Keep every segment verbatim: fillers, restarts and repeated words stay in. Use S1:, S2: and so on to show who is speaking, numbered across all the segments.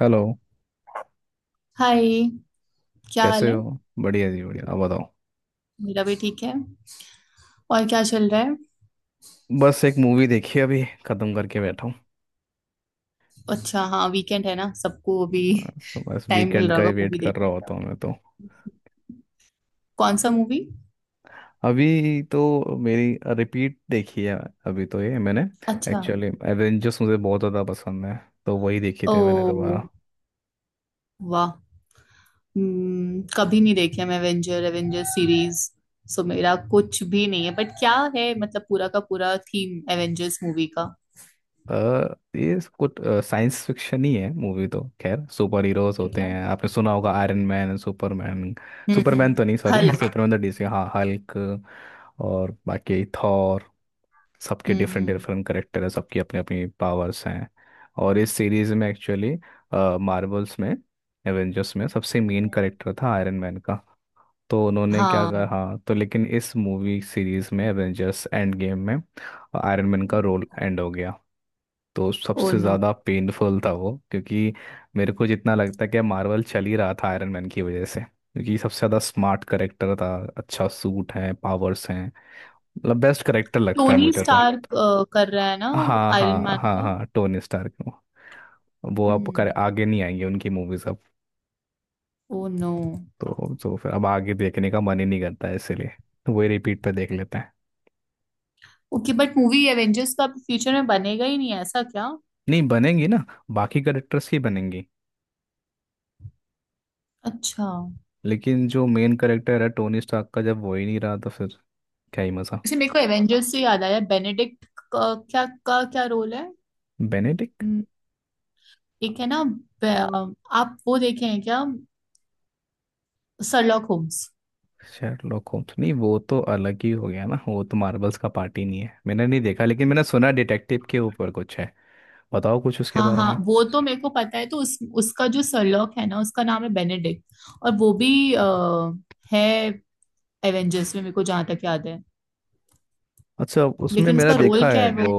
S1: Hello.
S2: Hi. क्या हाल
S1: कैसे
S2: है?
S1: हो? बढ़िया जी बढ़िया। आप बताओ।
S2: मेरा भी ठीक है। और क्या चल रहा है?
S1: बस एक मूवी देखी है, अभी खत्म करके बैठा हूँ।
S2: अच्छा, हाँ वीकेंड है ना सबको अभी।
S1: बस बस
S2: टाइम मिल
S1: वीकेंड
S2: रहा
S1: का
S2: होगा
S1: ही वेट
S2: मूवी
S1: कर रहा
S2: देखने का।
S1: होता हूँ मैं तो।
S2: कौन सा मूवी?
S1: अभी तो मेरी रिपीट देखी है। अभी तो ये मैंने
S2: अच्छा।
S1: एक्चुअली एवेंजर्स मुझे बहुत ज़्यादा पसंद है। तो वही देखी
S2: ओ,
S1: थी मैंने दोबारा।
S2: वाह। हम्म, कभी नहीं देखी है मैं एवेंजर एवेंजर सीरीज। सो मेरा कुछ भी नहीं है, बट क्या है मतलब, पूरा का पूरा थीम एवेंजर्स मूवी का।
S1: अ, ये कुछ साइंस फिक्शन ही है। मूवी तो खैर सुपर हीरोज
S2: ठीक
S1: होते
S2: है।
S1: हैं। आपने सुना होगा आयरन मैन, सुपरमैन।
S2: हम्म,
S1: सुपरमैन
S2: हम्म।
S1: तो नहीं, सॉरी
S2: हल्क।
S1: सुपरमैन तो डीसी। हाँ, हल्क और बाकी थॉर। सबके
S2: हम्म,
S1: डिफरेंट
S2: हम्म।
S1: डिफरेंट करेक्टर है, सबकी अपनी अपनी पावर्स हैं। और इस सीरीज में एक्चुअली मार्वल्स में एवेंजर्स में सबसे मेन करेक्टर था आयरन मैन का। तो उन्होंने क्या
S2: हाँ।
S1: कहा, हाँ, तो लेकिन इस मूवी सीरीज में एवेंजर्स एंड गेम में आयरन मैन का रोल एंड हो गया। तो
S2: ओ
S1: सबसे
S2: नो।
S1: ज़्यादा पेनफुल था वो, क्योंकि मेरे को जितना लगता है कि मार्वल चल ही रहा था आयरन मैन की वजह से, क्योंकि सबसे ज़्यादा स्मार्ट करेक्टर था, अच्छा सूट है, पावर्स हैं। मतलब बेस्ट करेक्टर लगता है
S2: टोनी
S1: मुझे तो।
S2: स्टार्क अ, कर रहा है ना?
S1: हाँ हाँ
S2: आयरन मैन
S1: हाँ
S2: का।
S1: हाँ, टोनी स्टार्क को। वो अब कर
S2: हम्म।
S1: आगे नहीं आएंगे, उनकी मूवीज अब।
S2: Oh no.
S1: तो तो फिर अब आगे देखने का मन ही नहीं करता है इसलिए। तो वही रिपीट पे देख लेते हैं।
S2: ओके, बट मूवी एवेंजर्स का फ्यूचर में बनेगा ही नहीं है, ऐसा क्या?
S1: नहीं बनेंगी ना। बाकी करेक्टर्स ही बनेंगी।
S2: अच्छा।
S1: लेकिन जो मेन करेक्टर है टोनी स्टार्क का, जब वो ही नहीं रहा तो फिर क्या ही मजा।
S2: अच्छा, मेरे को एवेंजर्स से याद आया बेनेडिक्ट का क्या का क्या रोल है?
S1: बेनेडिक्ट।
S2: हम्म, एक है ना ब- अम, आप वो देखे हैं क्या? Sherlock Holmes.
S1: शेरलॉक होम्स नहीं, वो तो अलग ही हो गया ना, वो तो मार्वल्स का पार्ट ही नहीं है, मैंने नहीं देखा लेकिन मैंने सुना डिटेक्टिव के ऊपर कुछ है। बताओ कुछ उसके
S2: हाँ
S1: बारे
S2: हाँ,
S1: में।
S2: वो तो मेरे को पता है तो उस उसका जो सरलॉक है ना उसका नाम है बेनेडिक्ट। और वो भी अ, है एवेंजर्स में, मेरे को जहाँ तक याद है।
S1: अच्छा, उसमें
S2: लेकिन उसका
S1: मैंने
S2: अच्छा रोल
S1: देखा
S2: क्या
S1: है
S2: है वो?
S1: वो।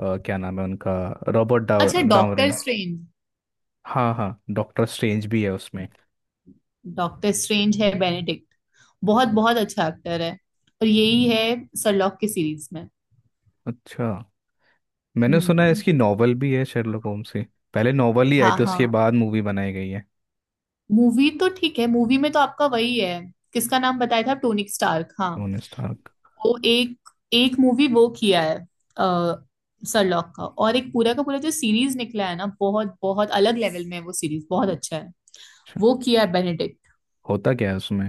S1: अ, क्या नाम है उनका? रॉबर्ट डाउ
S2: अच्छा,
S1: डाउनी।
S2: Doctor Strange.
S1: हाँ हाँ। डॉक्टर स्ट्रेंज भी है उसमें।
S2: डॉक्टर स्ट्रेंज है बेनेडिक्ट। बहुत बहुत अच्छा एक्टर है और यही
S1: हम्म।
S2: है सरलॉक के सीरीज में।
S1: अच्छा। मैंने सुना है
S2: हम्म।
S1: इसकी नॉवल भी है शेरलॉक होम्स की। पहले नॉवल ही आई
S2: हाँ
S1: थी, उसके
S2: हाँ,
S1: बाद मूवी बनाई गई है।
S2: मूवी तो ठीक है। मूवी में तो आपका वही है, किसका नाम बताया था, टोनिक स्टार्क, हाँ।
S1: Tony Stark.
S2: वो एक एक मूवी वो किया है। आ, सरलॉक का, और एक पूरा का पूरा जो सीरीज निकला है ना, बहुत बहुत अलग लेवल में है वो सीरीज, बहुत अच्छा है।
S1: अच्छा।
S2: वो किया है।
S1: होता क्या है उसमें?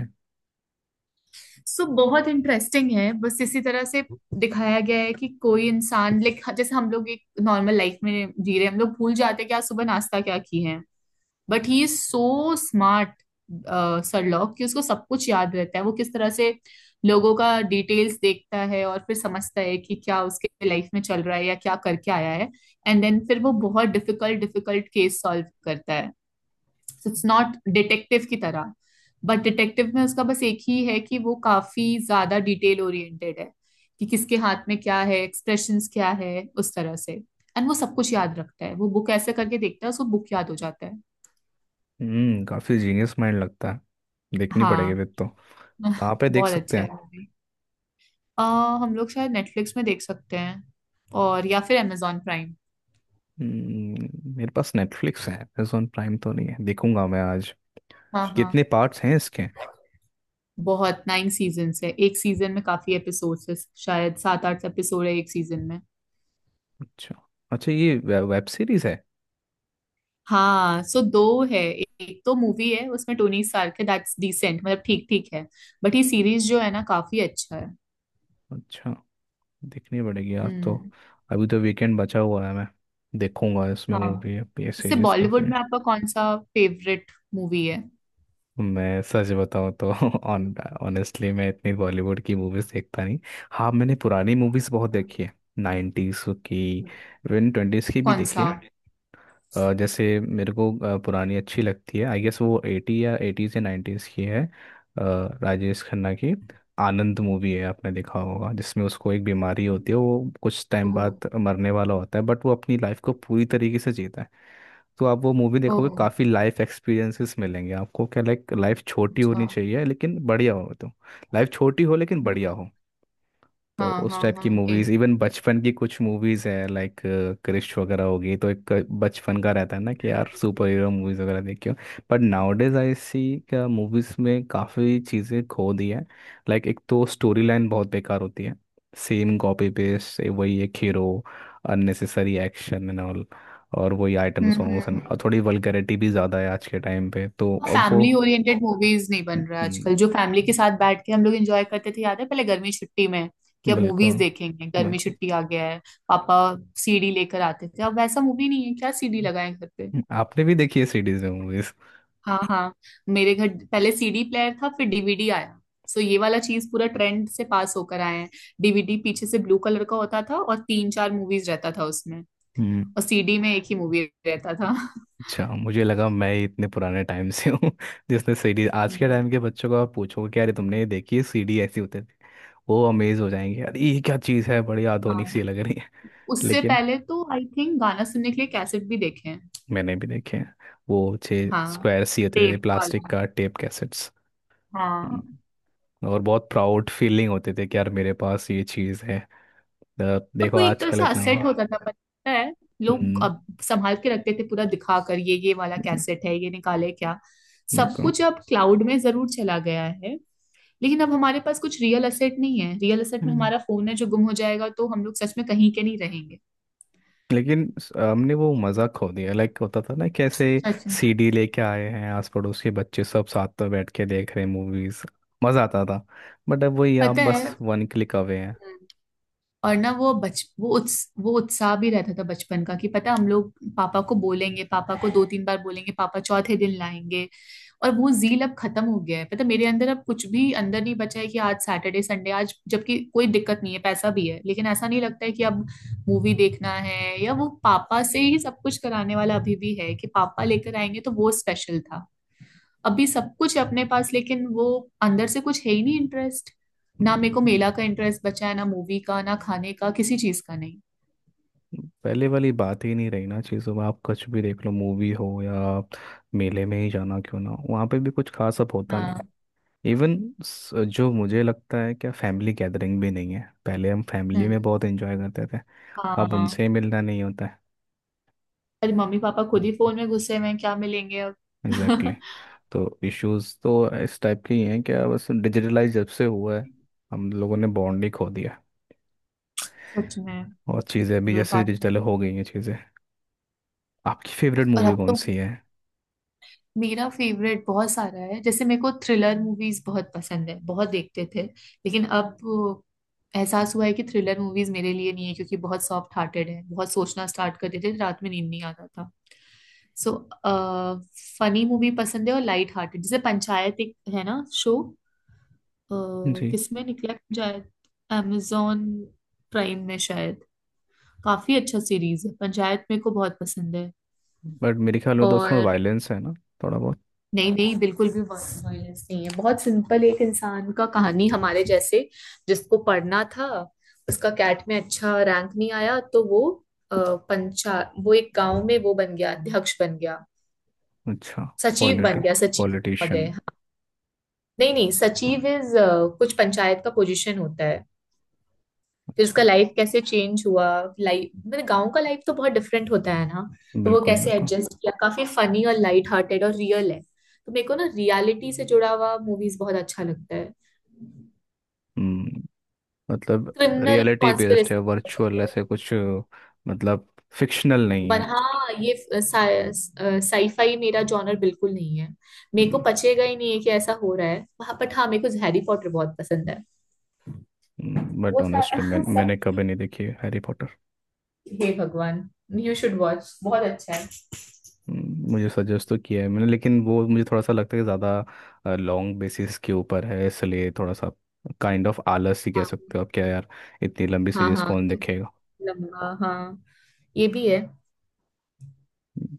S2: सो बहुत इंटरेस्टिंग है, बस इसी तरह से दिखाया गया है कि कोई इंसान लाइक जैसे हम लोग एक नॉर्मल लाइफ में जी रहे हैं, हम लोग भूल जाते हैं कि आज सुबह नाश्ता क्या की है। But he is so smart Sherlock, कि उसको सब कुछ याद रहता है। वो किस तरह से लोगों का डिटेल्स देखता है और फिर समझता है कि क्या उसके लाइफ में चल रहा है या क्या करके आया है। एंड देन फिर वो बहुत डिफिकल्ट डिफिकल्ट केस सॉल्व करता है। इट्स नॉट डिटेक्टिव की तरह। बट डिटेक्टिव में उसका बस एक ही है कि वो काफी ज्यादा डिटेल ओरिएंटेड है, कि किसके हाथ में क्या है, एक्सप्रेशंस क्या है, उस तरह से। एंड वो सब कुछ याद रखता है, वो बुक ऐसे करके देखता है, उसको बुक याद हो जाता है।
S1: हम्म काफी जीनियस माइंड लगता है, देखनी पड़ेगी
S2: हाँ।
S1: फिर तो। कहाँ पे देख
S2: बहुत
S1: सकते
S2: अच्छा है
S1: हैं?
S2: वो भी। अ, हम लोग शायद नेटफ्लिक्स में देख सकते हैं, और या फिर amazon प्राइम।
S1: हम्म, मेरे पास नेटफ्लिक्स है, अमेजोन प्राइम तो नहीं है, देखूंगा मैं आज।
S2: हाँ हाँ,
S1: कितने पार्ट्स हैं इसके?
S2: बहुत नाइन सीजन्स है, एक सीजन में काफी एपिसोड्स है। शायद सात आठ एपिसोड है एक सीजन में।
S1: अच्छा। अच्छा, ये वे, वेब सीरीज है?
S2: हाँ, सो दो है, एक तो मूवी है उसमें टोनी स्टार्क है, दैट्स डिसेंट मतलब ठीक ठीक है। बट ये सीरीज जो है ना काफी अच्छा है।
S1: अच्छा। देखनी पड़ेगी आज तो।
S2: हम्म।
S1: अभी तो वीकेंड बचा हुआ है, मैं देखूंगा इसमें
S2: हाँ।
S1: मूवी। ये
S2: इससे
S1: सीरीज का
S2: बॉलीवुड
S1: फिर।
S2: में आपका कौन सा फेवरेट मूवी है?
S1: मैं सच बताऊं तो ऑन ऑनेस्टली मैं इतनी बॉलीवुड की मूवीज देखता नहीं। हाँ, मैंने पुरानी मूवीज बहुत देखी है। नाइन्टीज की, इवन ट्वेंटीज़ की भी
S2: कौन
S1: देखी
S2: सा?
S1: है। अ, जैसे मेरे को अ, पुरानी अच्छी लगती है। आई गेस वो एटी या एटी से नाइन्टीज़ की है, अ, राजेश खन्ना की। आनंद मूवी है, आपने देखा होगा, जिसमें उसको एक बीमारी होती है, वो कुछ
S2: ओ।
S1: टाइम बाद मरने वाला होता है, बट वो अपनी लाइफ को पूरी तरीके से जीता है। तो आप वो मूवी
S2: ओ।
S1: देखोगे काफ़ी लाइफ एक्सपीरियंसेस मिलेंगे आपको, क्या लाइक लाइफ छोटी
S2: अच्छा।
S1: होनी चाहिए लेकिन बढ़िया हो तो। लाइफ छोटी हो लेकिन बढ़िया हो। तो
S2: हाँ
S1: उस
S2: हाँ
S1: टाइप की
S2: हाँ, नहीं।
S1: मूवीज, इवन बचपन की कुछ मूवीज है लाइक क्रिश वगैरह हो गई, तो एक बचपन का रहता है ना कि यार सुपर
S2: हम्म,
S1: हीरो मूवीज वगैरह देखियो। But nowadays I see क्या मूवीज में काफ़ी चीज़ें खो दी है। लाइक एक तो स्टोरी लाइन बहुत बेकार होती है। सेम कॉपी पेस्ट वही एक hero, unnecessary action and all, और वही आइटम सॉन्ग्स, और
S2: हम्म।
S1: थोड़ी वल्गैरिटी भी ज़्यादा है आज के टाइम पे तो अब वो।
S2: फैमिली ओरिएंटेड मूवीज नहीं बन रहा है
S1: हम्म।
S2: आजकल, जो फैमिली के साथ बैठ के हम लोग एंजॉय करते थे, याद है पहले गर्मी छुट्टी में? कि अब मूवीज
S1: बिल्कुल
S2: देखेंगे, गर्मी
S1: बिल्कुल।
S2: छुट्टी आ गया है। पापा सी डी लेकर आते थे, अब वैसा मूवी नहीं है क्या, सी डी लगाए घर पे?
S1: आपने भी देखी है सीरीज में मूवीज?
S2: हाँ हाँ, मेरे घर पहले सी डी प्लेयर था, फिर डी वी डी आया। सो ये वाला चीज पूरा ट्रेंड से पास होकर आए हैं। डी वी डी पीछे से ब्लू कलर का होता था, और तीन चार मूवीज रहता था उसमें।
S1: हम्म,
S2: और सी डी में एक ही मूवी रहता था।
S1: अच्छा, मुझे लगा मैं ही इतने पुराने टाइम से हूँ जिसने सीडी आज के
S2: हम्म,
S1: टाइम के बच्चों को आप पूछोगे कि अरे तुमने ये देखी है सीडी ऐसी होते थे, वो अमेज हो जाएंगे अरे ये क्या चीज़ है बड़ी
S2: हाँ।
S1: आधुनिक सी लग रही है
S2: उससे
S1: लेकिन
S2: पहले तो आई थिंक गाना सुनने के लिए कैसेट भी देखे हैं।
S1: मैंने भी देखे हैं, वो छः
S2: हाँ,
S1: स्क्वायर सी होते थे
S2: टेप
S1: प्लास्टिक
S2: वाला।
S1: का टेप कैसेट्स।
S2: हाँ।
S1: हम्म, और बहुत प्राउड फीलिंग होते थे कि यार मेरे पास ये चीज़ है। अ,
S2: अब
S1: देखो
S2: वो एक तरह
S1: आजकल
S2: से
S1: इतना।
S2: असेट हो जाता, पता है? लोग
S1: हम्म,
S2: अब संभाल के रखते थे, पूरा दिखा कर, ये ये वाला
S1: हम्म,
S2: कैसेट है, ये निकाले क्या? सब
S1: बिल्कुल।
S2: कुछ अब क्लाउड में जरूर चला गया है। लेकिन अब हमारे पास कुछ रियल असेट नहीं है, रियल असेट में हमारा फोन है, जो गुम हो जाएगा तो हम लोग सच में कहीं के नहीं रहेंगे।
S1: लेकिन स- हमने वो मज़ा खो दिया, लाइक होता था ना कैसे
S2: सच में।
S1: सीडी लेके आए हैं आस पड़ोस के बच्चे सब साथ में बैठ के देख रहे हैं मूवीज। मज़ा आता था। बट अब वही आप
S2: पता है।
S1: बस
S2: हम्म।
S1: वन क्लिक अवे हैं।
S2: और ना वो बच वो उत्स, वो उत्साह भी रहता था बचपन का, कि पता है, हम लोग पापा को बोलेंगे, पापा को दो तीन बार बोलेंगे, पापा चौथे दिन लाएंगे। और वो जील अब खत्म हो गया है, पता है, मेरे अंदर अब कुछ भी अंदर नहीं बचा है कि आज सैटरडे संडे आज जबकि कोई दिक्कत नहीं है, पैसा भी है लेकिन ऐसा नहीं लगता है कि अब मूवी देखना है। या वो पापा से ही सब कुछ कराने वाला अभी भी है, कि पापा लेकर आएंगे तो वो स्पेशल था। अभी सब कुछ है अपने पास, लेकिन वो अंदर से कुछ है ही नहीं, इंटरेस्ट। ना मेरे को
S1: हम्म,
S2: मेला का इंटरेस्ट बचा है, ना मूवी का, ना खाने का, किसी चीज का नहीं।
S1: पहले वाली बात ही नहीं रही ना चीज़ों में, आप कुछ भी देख लो मूवी हो या आप मेले में ही जाना क्यों ना हो, वहाँ पे भी कुछ खास अब होता नहीं।
S2: हाँ,
S1: इवन जो मुझे लगता है क्या फैमिली गैदरिंग भी नहीं है। पहले हम फैमिली
S2: हम्म,
S1: में बहुत एंजॉय करते थे। अब
S2: हाँ।
S1: उनसे मिलना नहीं होता है।
S2: अरे मम्मी पापा खुद ही फोन में घुसे हुए हैं, क्या मिलेंगे अब?
S1: Exactly exactly। तो इश्यूज तो इस टाइप के ही हैं क्या, बस डिजिटलाइज जब से हुआ है हम लोगों ने बॉन्ड ही खो दिया।
S2: सच में।
S1: और चीज़ें भी
S2: ये
S1: जैसे
S2: बात।
S1: डिजिटल हो गई हैं चीज़ें। आपकी फेवरेट
S2: और
S1: मूवी
S2: अब
S1: कौन
S2: तो
S1: सी है?
S2: मेरा फेवरेट बहुत सारा है, जैसे मेरे को थ्रिलर मूवीज बहुत पसंद है, बहुत देखते थे। लेकिन अब अ, एहसास हुआ है कि थ्रिलर मूवीज मेरे लिए नहीं है, क्योंकि बहुत सॉफ्ट हार्टेड है, बहुत सोचना स्टार्ट कर देते थे, रात में नींद नहीं आता था। सो फनी मूवी पसंद है और लाइट हार्टेड, जैसे पंचायत एक है ना शो।
S1: जी।
S2: किसमें निकला है पंचायत? amazon प्राइम में शायद। काफी अच्छा सीरीज है पंचायत, मेरे को बहुत पसंद है।
S1: बट मेरे ख्याल में तो उसमें
S2: और
S1: वायलेंस है ना, थोड़ा बहुत।
S2: नहीं नहीं, बिल्कुल भी वायलेंस नहीं है, बहुत सिंपल एक इंसान का कहानी हमारे जैसे। जिसको पढ़ना था, उसका कैट में अच्छा रैंक नहीं आया, तो वो अ, पंचा वो एक गांव में, वो बन गया अध्यक्ष, बन गया
S1: अच्छा।
S2: सचिव,
S1: पॉलिटी।
S2: बन गया सचिव महोदय,
S1: पॉलिटिशियन।
S2: हाँ। नहीं नहीं, सचिव इज कुछ पंचायत का पोजीशन होता है। फिर
S1: अच्छा।
S2: उसका लाइफ कैसे चेंज हुआ, लाइफ मतलब गांव का लाइफ तो बहुत डिफरेंट होता है ना। तो वो
S1: बिल्कुल
S2: कैसे
S1: बिल्कुल।
S2: एडजस्ट किया, काफी फनी और लाइट हार्टेड और रियल है, तो मेरे को ना रियलिटी से जुड़ा हुआ मूवीज बहुत अच्छा लगता है।
S1: हम्म। मतलब
S2: क्रिमिनल
S1: रियलिटी बेस्ड
S2: कॉन्स्पिरेसी
S1: है,
S2: हो
S1: वर्चुअल
S2: सकता है।
S1: ऐसे कुछ अ, मतलब फिक्शनल नहीं
S2: बट
S1: है।
S2: हाँ ये साईफाई मेरा जॉनर बिल्कुल नहीं है, मेरे को पचेगा ही नहीं है कि ऐसा हो रहा है, हाँ। बट हाँ मेरे को हैरी पॉटर बहुत पसंद है।
S1: बट
S2: वो सा-
S1: ऑनेस्टली मैं
S2: सब,
S1: मैंने कभी नहीं देखी है हैरी पॉटर।
S2: हे भगवान, यू शुड वॉच, बहुत अच्छा
S1: हम्म, मुझे सजेस्ट तो किया है मैंने, लेकिन वो मुझे थोड़ा सा लगता है कि ज़्यादा लॉन्ग बेसिस के ऊपर है, इसलिए थोड़ा सा काइंड ऑफ आलस ही कह
S2: है।
S1: सकते हो आप क्या यार, इतनी लंबी
S2: हाँ
S1: सीरीज
S2: हाँ
S1: कौन
S2: क्योंकि
S1: देखेगा।
S2: लंबा, हाँ ये भी है।
S1: हम्म,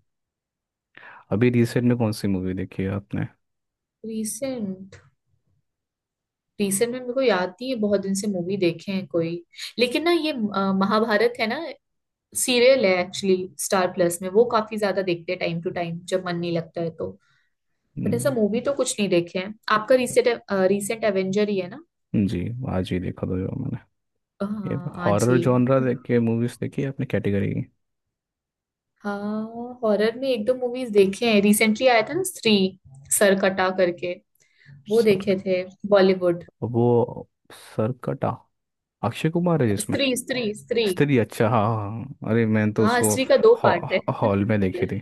S1: अभी रिसेंट में कौन सी मूवी देखी है आपने?
S2: रिसेंट। रिसेंट में मेरे को याद नहीं है, बहुत दिन से मूवी देखे हैं कोई। लेकिन ना ये अ, महाभारत है ना, सीरियल है एक्चुअली, स्टार प्लस में वो काफी ज्यादा देखते हैं टाइम टू टाइम जब मन नहीं लगता है तो। बट ऐसा
S1: हम्म,
S2: मूवी तो कुछ नहीं देखे हैं आपका, रिसेंट रिसेंट एवेंजर ही है ना।
S1: जी, आज ही देखा था जो मैंने। ये
S2: हाँ, आज
S1: हॉरर
S2: ही है।
S1: जॉनरा देख के मूवीज देखी है आपने कैटेगरी की?
S2: हाँ, हॉरर में एक दो मूवीज देखे हैं, रिसेंटली आया था ना स्त्री, सरकटा करके, वो
S1: सर।
S2: देखे थे। बॉलीवुड।
S1: वो सरकटा अक्षय कुमार है जिसमें।
S2: स्त्री, स्त्री, स्त्री।
S1: स्त्री, अच्छा हाँ हाँ हाँ। अरे मैंने तो
S2: हाँ,
S1: उसको
S2: स्त्री का दो पार्ट है।
S1: हॉ- हॉल में देखी थी।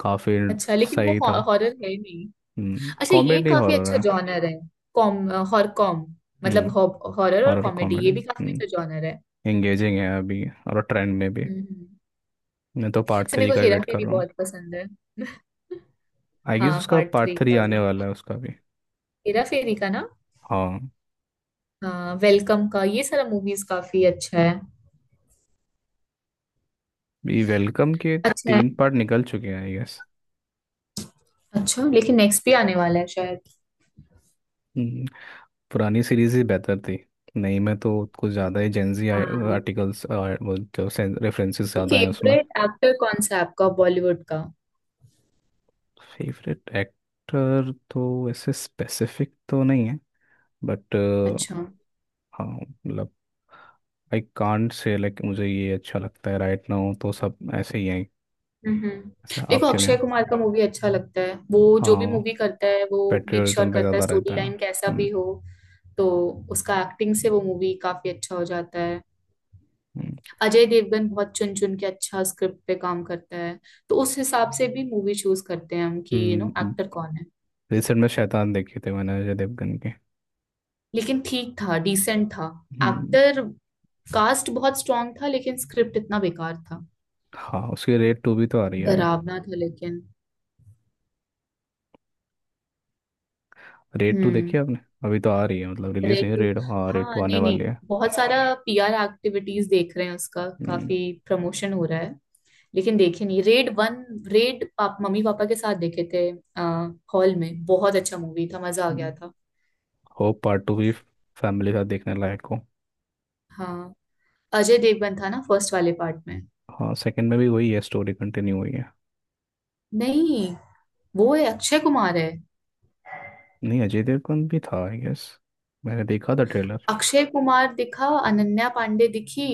S1: काफी
S2: अच्छा लेकिन वो
S1: सही था।
S2: हॉरर है ही नहीं।
S1: हम्म
S2: अच्छा, ये
S1: कॉमेडी
S2: काफी
S1: हॉरर
S2: अच्छा
S1: है।
S2: जॉनर है। कॉम हॉर कॉम मतलब
S1: हम्म
S2: हॉरर और
S1: हॉरर
S2: कॉमेडी,
S1: कॉमेडी।
S2: ये भी काफी
S1: हम्म
S2: अच्छा जॉनर है।
S1: एंगेजिंग है अभी और ट्रेंड में भी।
S2: हम्म।
S1: मैं तो पार्ट
S2: से मेरे
S1: थ्री
S2: को
S1: का
S2: हेरा
S1: वेट कर
S2: फेरी
S1: रहा हूँ।
S2: बहुत पसंद है।
S1: आई गेस
S2: हाँ,
S1: उसका
S2: पार्ट
S1: पार्ट
S2: थ्री
S1: थ्री
S2: का भी,
S1: आने वाला है उसका भी।
S2: हेरा फेरी का ना।
S1: हाँ,
S2: हाँ, वेलकम का ये सारा मूवीज काफी अच्छा है।
S1: ये वेलकम के
S2: अच्छा
S1: तीन
S2: है।
S1: पार्ट निकल चुके हैं आई गेस।
S2: अच्छा, लेकिन नेक्स्ट भी आने वाला है शायद।
S1: हम्म पुरानी सीरीज ही बेहतर थी। नहीं, मैं तो कुछ ज़्यादा ही जेंजी
S2: हाँ,
S1: आर्टिकल्स वो जो रेफरेंसेस
S2: तो
S1: ज़्यादा हैं उसमें।
S2: फेवरेट एक्टर कौन सा है आपका बॉलीवुड का?
S1: फेवरेट एक्टर तो ऐसे स्पेसिफिक तो नहीं है, बट
S2: अच्छा।
S1: हाँ मतलब आई कांट से लाइक मुझे ये अच्छा लगता है, राइट नाउ तो सब ऐसे ही है।
S2: हम्म,
S1: ऐसे
S2: मेरे को
S1: आपके लिए?
S2: अक्षय कुमार का मूवी अच्छा लगता है, वो जो भी
S1: हाँ,
S2: मूवी करता है, वो मेक श्योर
S1: पेट्रियोटिज्म पे
S2: करता है
S1: ज़्यादा रहता
S2: स्टोरी
S1: है।
S2: लाइन कैसा भी
S1: हम्म।
S2: हो। तो उसका एक्टिंग से वो मूवी काफी अच्छा हो जाता है। अजय देवगन बहुत चुन चुन के अच्छा स्क्रिप्ट पे काम करता है। तो उस हिसाब से भी मूवी चूज करते हैं हम, कि यू नो
S1: हम्म
S2: एक्टर कौन है।
S1: रिसेंट में शैतान देखे थे मैंने, अजय देवगन के।
S2: लेकिन ठीक था, डिसेंट था।
S1: हम्म,
S2: एक्टर कास्ट बहुत स्ट्रांग था, लेकिन स्क्रिप्ट इतना बेकार था।
S1: हाँ, उसकी रेड टू भी तो आ रही है अभी।
S2: डरावना था लेकिन।
S1: रेड टू
S2: हम्म।
S1: देखी है आपने? अभी तो आ रही है, मतलब रिलीज नहीं
S2: रेड
S1: है,
S2: टू।
S1: रेड, हाँ रेड
S2: हाँ,
S1: टू आने
S2: नहीं
S1: वाली
S2: नहीं,
S1: है।
S2: बहुत सारा पी आर एक्टिविटीज देख रहे हैं उसका,
S1: हम्म
S2: काफी प्रमोशन हो रहा है। लेकिन देखे नहीं रेड वन। रेड पाप, मम्मी पापा के साथ देखे थे, हॉल में बहुत अच्छा मूवी था, मजा आ गया था।
S1: होप पार्ट टू भी फैमिली के साथ देखने लायक हो।
S2: हाँ, अजय देवगन था ना फर्स्ट वाले पार्ट में।
S1: हाँ, सेकंड में भी वही है, स्टोरी कंटिन्यू हुई है।
S2: नहीं, वो है अक्षय कुमार है।
S1: नहीं, अजय देवगन भी था आई गेस, मैंने देखा था ट्रेलर।
S2: अक्षय कुमार दिखा, अनन्या पांडे दिखी,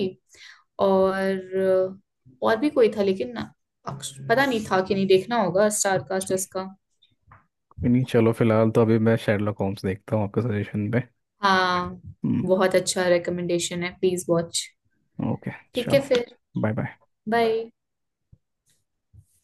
S2: और और भी कोई था, लेकिन अक्ष- पता नहीं था कि नहीं देखना होगा स्टार कास्ट उसका।
S1: कोई नहीं चलो फिलहाल तो अभी मैं शेरलॉक होम्स देखता हूँ आपके सजेशन पे।
S2: हाँ,
S1: हम्म।
S2: बहुत अच्छा रिकमेंडेशन है, प्लीज वॉच।
S1: ओके।
S2: ठीक है
S1: चलो।
S2: फिर।
S1: Bye bye.
S2: बाय।